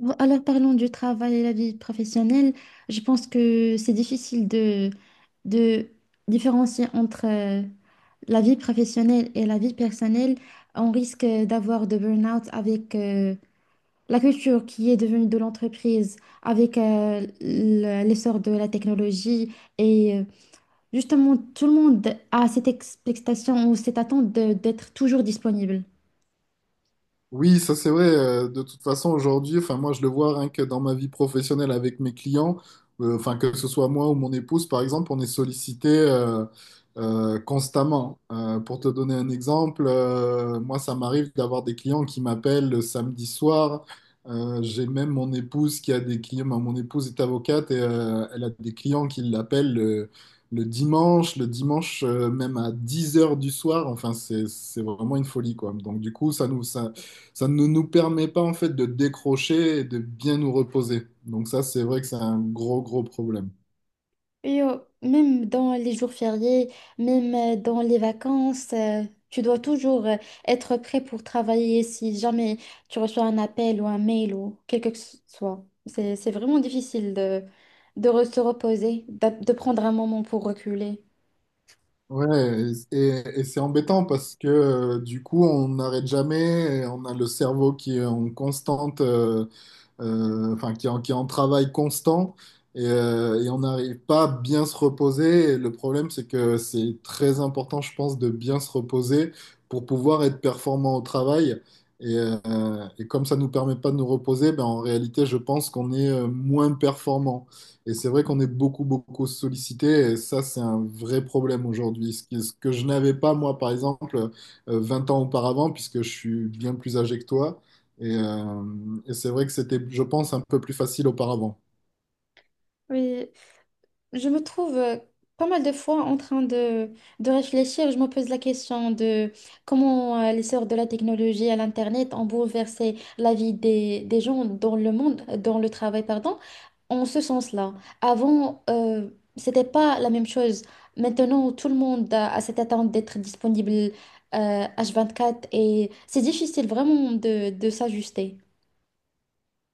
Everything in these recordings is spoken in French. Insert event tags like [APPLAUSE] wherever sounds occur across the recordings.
Bon, alors parlons du travail et la vie professionnelle. Je pense que c'est difficile de différencier entre la vie professionnelle et la vie personnelle. On risque d'avoir de burn-out avec la culture qui est devenue de l'entreprise, avec l'essor de la technologie. Et euh, Justement, tout le monde a cette expectation ou cette attente d'être toujours disponible. Oui, ça c'est vrai. De toute façon, aujourd'hui, enfin moi je le vois rien que dans ma vie professionnelle avec mes clients, enfin que ce soit moi ou mon épouse par exemple, on est sollicité constamment. Pour te donner un exemple, moi ça m'arrive d'avoir des clients qui m'appellent le samedi soir. J'ai même mon épouse qui a des clients. Ben, mon épouse est avocate et elle a des clients qui l'appellent le dimanche, le dimanche même à 10 heures du soir. Enfin, c'est vraiment une folie, quoi. Donc, du coup, ça ne nous permet pas en fait de décrocher et de bien nous reposer. Donc ça, c'est vrai que c'est un gros, gros problème. Et même dans les jours fériés, même dans les vacances, tu dois toujours être prêt pour travailler si jamais tu reçois un appel ou un mail ou quel que ce soit. C'est vraiment difficile de se reposer, de prendre un moment pour reculer. Ouais, et c'est embêtant parce que du coup, on n'arrête jamais, et on a le cerveau qui est en constante enfin, qui est en travail constant et on n'arrive pas à bien se reposer. Et le problème, c'est que c'est très important, je pense, de bien se reposer pour pouvoir être performant au travail. Et comme ça nous permet pas de nous reposer, ben, en réalité, je pense qu'on est moins performant. Et c'est vrai qu'on est beaucoup, beaucoup sollicité. Et ça, c'est un vrai problème aujourd'hui. Ce que je n'avais pas, moi, par exemple, 20 ans auparavant, puisque je suis bien plus âgé que toi. Et, euh, et c'est vrai que c'était, je pense, un peu plus facile auparavant. Oui, je me trouve pas mal de fois en train de réfléchir. Je me pose la question de comment l'essor de la technologie à l'Internet ont bouleversé la vie des gens dans le monde, dans le travail, pardon, en ce sens-là. Avant, c'était pas la même chose. Maintenant, tout le monde a cette attente d'être disponible H24 et c'est difficile vraiment de s'ajuster.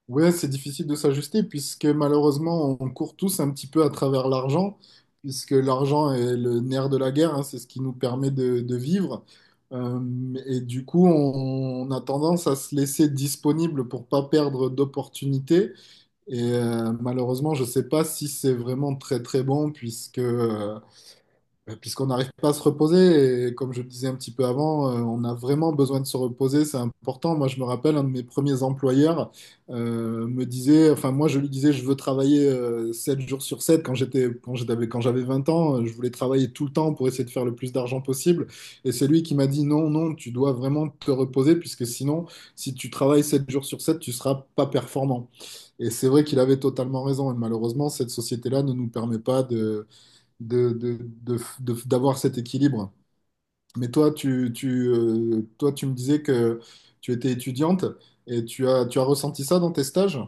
Ouais, c'est difficile de s'ajuster puisque malheureusement, on court tous un petit peu à travers l'argent, puisque l'argent est le nerf de la guerre, hein, c'est ce qui nous permet de vivre. Et du coup, on a tendance à se laisser disponible pour pas perdre d'opportunités. Et malheureusement, je sais pas si c'est vraiment très très bon puisque bah, puisqu'on n'arrive pas à se reposer, et comme je le disais un petit peu avant, on a vraiment besoin de se reposer, c'est important. Moi, je me rappelle, un de mes premiers employeurs me disait, enfin, moi, je lui disais, je veux travailler 7 jours sur sept quand quand j'avais 20 ans, je voulais travailler tout le temps pour essayer de faire le plus d'argent possible. Et c'est lui qui m'a dit, non, non, tu dois vraiment te reposer, puisque sinon, si tu travailles 7 jours sur 7, tu seras pas performant. Et c'est vrai qu'il avait totalement raison. Et malheureusement, cette société-là ne nous permet pas d'avoir cet équilibre. Mais toi, tu me disais que tu étais étudiante et tu as ressenti ça dans tes stages?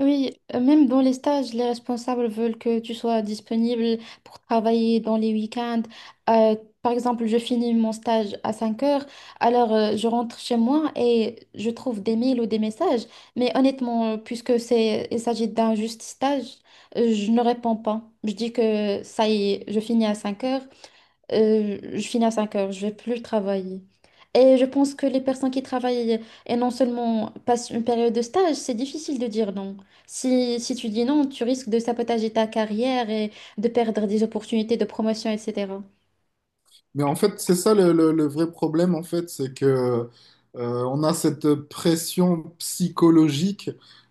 Oui, même dans les stages, les responsables veulent que tu sois disponible pour travailler dans les week-ends. Euh, Par exemple, je finis mon stage à 5 heures, alors je rentre chez moi et je trouve des mails ou des messages. Mais honnêtement, puisque il s'agit d'un juste stage, je ne réponds pas. Je dis que ça y est, je finis à 5 heures, je finis à 5 heures, je vais plus travailler. Et je pense que les personnes qui travaillent et non seulement passent une période de stage, c'est difficile de dire non. Si tu dis non, tu risques de sabotager ta carrière et de perdre des opportunités de promotion, etc. Mais en fait, c'est ça le vrai problème, en fait, c'est que on a cette pression psychologique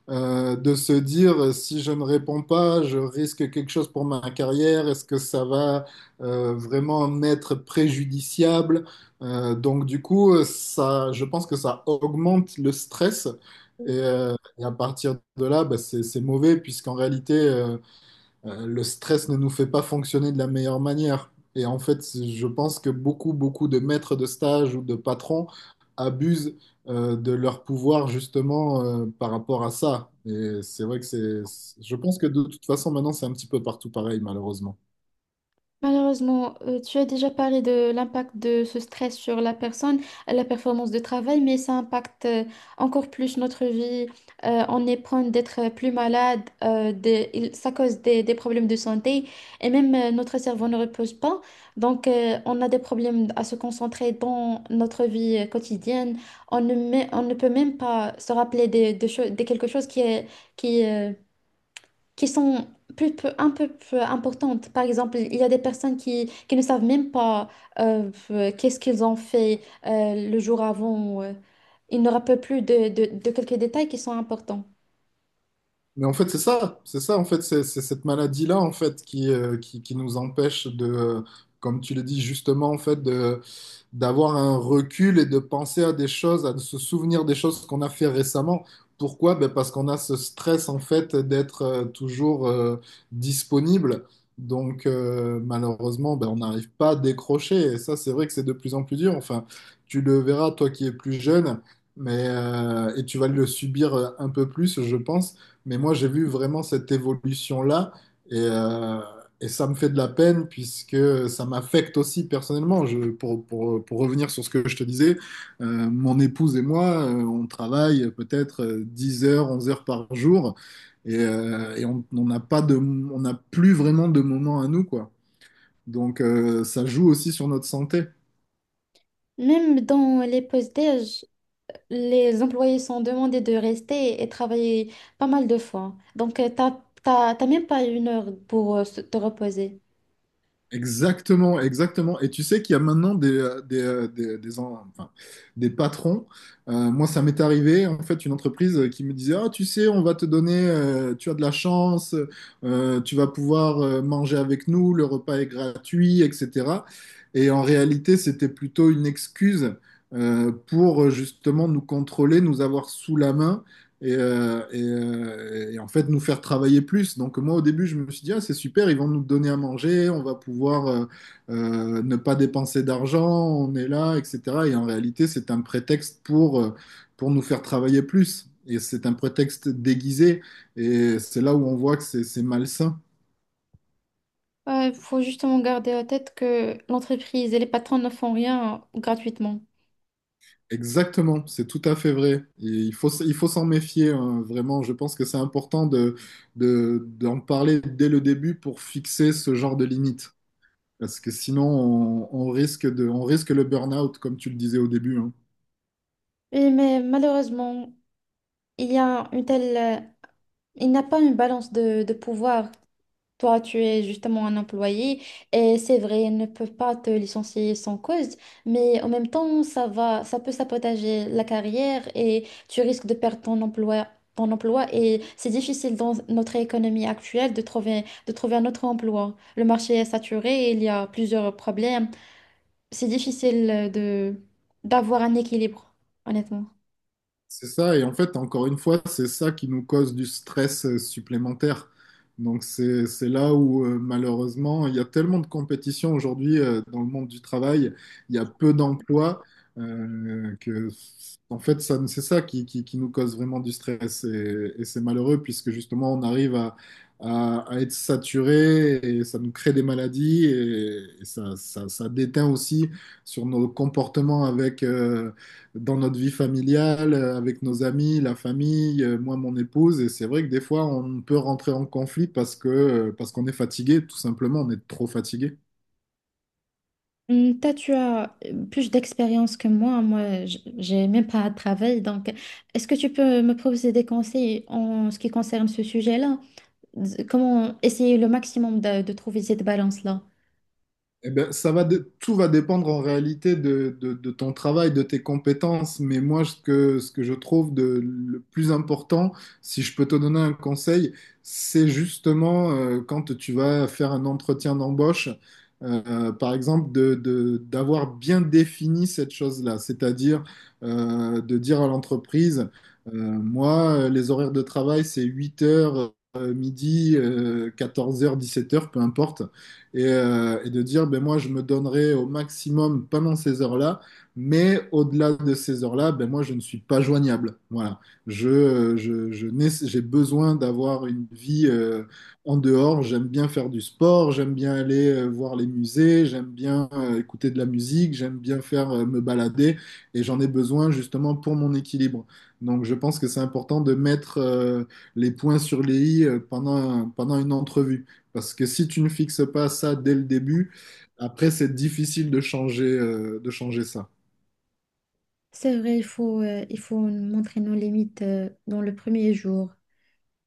de se dire si je ne réponds pas, je risque quelque chose pour ma carrière, est-ce que ça va vraiment m'être préjudiciable? Donc du coup, ça, je pense que ça augmente le stress et à partir de là, bah, c'est mauvais puisqu'en réalité le stress ne nous fait pas fonctionner de la meilleure manière. Et en fait, je pense que beaucoup, beaucoup de maîtres de stage ou de patrons abusent de leur pouvoir justement par rapport à ça. Et c'est vrai que c'est. Je pense que de toute façon, maintenant, c'est un petit peu partout pareil, malheureusement. Malheureusement, tu as déjà parlé de l'impact de ce stress sur la personne, la performance de travail, mais ça impacte encore plus notre vie. On est prone d'être plus malade, ça cause des problèmes de santé et même notre cerveau ne repose pas. Donc, on a des problèmes à se concentrer dans notre vie quotidienne. On ne peut même pas se rappeler de quelque chose qui qui, euh, qui sont un peu plus importantes. Par exemple, il y a des personnes qui ne savent même pas qu'est-ce qu'ils ont fait le jour avant. Ils ne rappellent plus de quelques détails qui sont importants. Mais en fait, c'est ça, en fait, c'est cette maladie-là, en fait, qui nous empêche comme tu l'as dit justement, en fait, de d'avoir un recul et de penser à des choses, à se souvenir des choses qu'on a fait récemment. Pourquoi? Ben parce qu'on a ce stress en fait d'être toujours disponible. Donc malheureusement, ben, on n'arrive pas à décrocher. Et ça, c'est vrai que c'est de plus en plus dur. Enfin, tu le verras, toi qui es plus jeune, mais et tu vas le subir un peu plus, je pense. Mais moi, j'ai vu vraiment cette évolution-là. Et, euh, et ça me fait de la peine puisque ça m'affecte aussi personnellement. Pour revenir sur ce que je te disais, mon épouse et moi, on travaille peut-être 10 heures, 11 heures par jour et on n'a pas de, on n'a plus vraiment de moments à nous, quoi. Donc ça joue aussi sur notre santé. Même dans les postes, déj les employés sont demandés de rester et travailler pas mal de fois. Donc, t'as même pas une heure pour te reposer. Exactement, exactement. Et tu sais qu'il y a maintenant des patrons. Moi, ça m'est arrivé, en fait, une entreprise qui me disait, ah, tu sais, on va te donner, tu as de la chance, tu vas pouvoir manger avec nous, le repas est gratuit, etc. Et en réalité, c'était plutôt une excuse pour justement nous contrôler, nous avoir sous la main et en fait nous faire travailler plus. Donc moi au début je me suis dit ah, c'est super, ils vont nous donner à manger, on va pouvoir ne pas dépenser d'argent, on est là, etc. Et en réalité c'est un prétexte pour nous faire travailler plus. Et c'est un prétexte déguisé et c'est là où on voit que c'est malsain. Il faut justement garder à tête que l'entreprise et les patrons ne font rien gratuitement. Exactement, c'est tout à fait vrai. Et il faut s'en méfier, hein, vraiment. Je pense que c'est important d'en parler dès le début pour fixer ce genre de limite. Parce que sinon, on risque le burn-out, comme tu le disais au début, hein. Oui, mais malheureusement, il y a une il n'y a pas une balance de pouvoir. Toi, tu es justement un employé et c'est vrai, ils ne peuvent pas te licencier sans cause, mais en même temps, ça peut sabotager la carrière et tu risques de perdre ton emploi et c'est difficile dans notre économie actuelle de de trouver un autre emploi. Le marché est saturé, il y a plusieurs problèmes. C'est difficile d'avoir un équilibre, honnêtement. C'est ça, et en fait, encore une fois, c'est ça qui nous cause du stress supplémentaire. Donc c'est là où malheureusement, il y a tellement de compétition aujourd'hui dans le monde du travail, il y a peu d'emplois que en fait, ça, c'est ça qui nous cause vraiment du stress. Et c'est malheureux puisque justement, on arrive à être saturé et ça nous crée des maladies et ça déteint aussi sur nos comportements dans notre vie familiale, avec nos amis, la famille, moi, mon épouse. Et c'est vrai que des fois, on peut rentrer en conflit parce qu'on est fatigué, tout simplement, on est trop fatigué. Hmm. Toi, tu as plus d'expérience que moi. Moi, j'ai même pas de travail. Donc, est-ce que tu peux me proposer des conseils en ce qui concerne ce sujet-là? Comment essayer le maximum de trouver cette balance-là? Eh ben, tout va dépendre en réalité de ton travail, de tes compétences. Mais moi, ce que je trouve le plus important, si je peux te donner un conseil, c'est justement quand tu vas faire un entretien d'embauche, par exemple, d'avoir bien défini cette chose-là. C'est-à-dire de dire à l'entreprise, moi, les horaires de travail, c'est 8 heures, midi, 14 heures, 17 heures, peu importe et de dire, ben moi, je me donnerai au maximum pendant ces heures-là, mais au-delà de ces heures-là, ben moi, je ne suis pas joignable. Voilà. Je n'ai- J'ai besoin d'avoir une vie en dehors. J'aime bien faire du sport, j'aime bien aller voir les musées, j'aime bien écouter de la musique, j'aime bien faire me balader, et j'en ai besoin justement pour mon équilibre. Donc, je pense que c'est important de mettre les points sur les i pendant une entrevue. Parce que si tu ne fixes pas ça dès le début, après, c'est difficile de changer ça. C'est vrai, il faut montrer nos limites, dans le premier jour.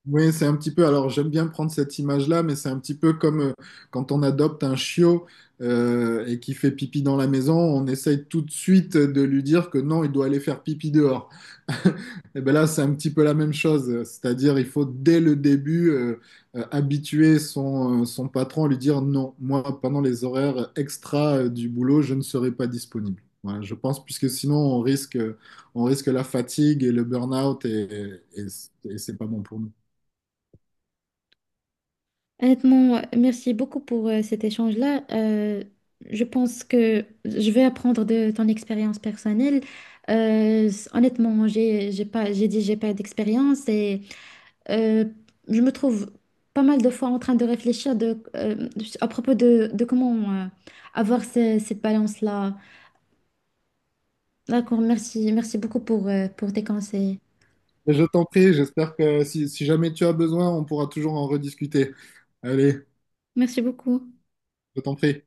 Oui, c'est un petit peu, alors j'aime bien prendre cette image-là, mais c'est un petit peu comme quand on adopte un chiot et qui fait pipi dans la maison, on essaye tout de suite de lui dire que non, il doit aller faire pipi dehors. [LAUGHS] Et bien là, c'est un petit peu la même chose, c'est-à-dire il faut dès le début habituer son patron à lui dire non, moi pendant les horaires extra du boulot, je ne serai pas disponible. Voilà, je pense, puisque sinon on risque la fatigue et le burn-out et c'est pas bon pour nous. Honnêtement, merci beaucoup pour cet échange-là. Je pense que je vais apprendre de ton expérience personnelle. Honnêtement, j'ai dit j'ai pas d'expérience et euh, je me trouve pas mal de fois en train de réfléchir à propos de comment avoir cette balance-là. D'accord, merci beaucoup pour tes conseils. Mais je t'en prie, j'espère que si jamais tu as besoin, on pourra toujours en rediscuter. Allez, Merci beaucoup. je t'en prie.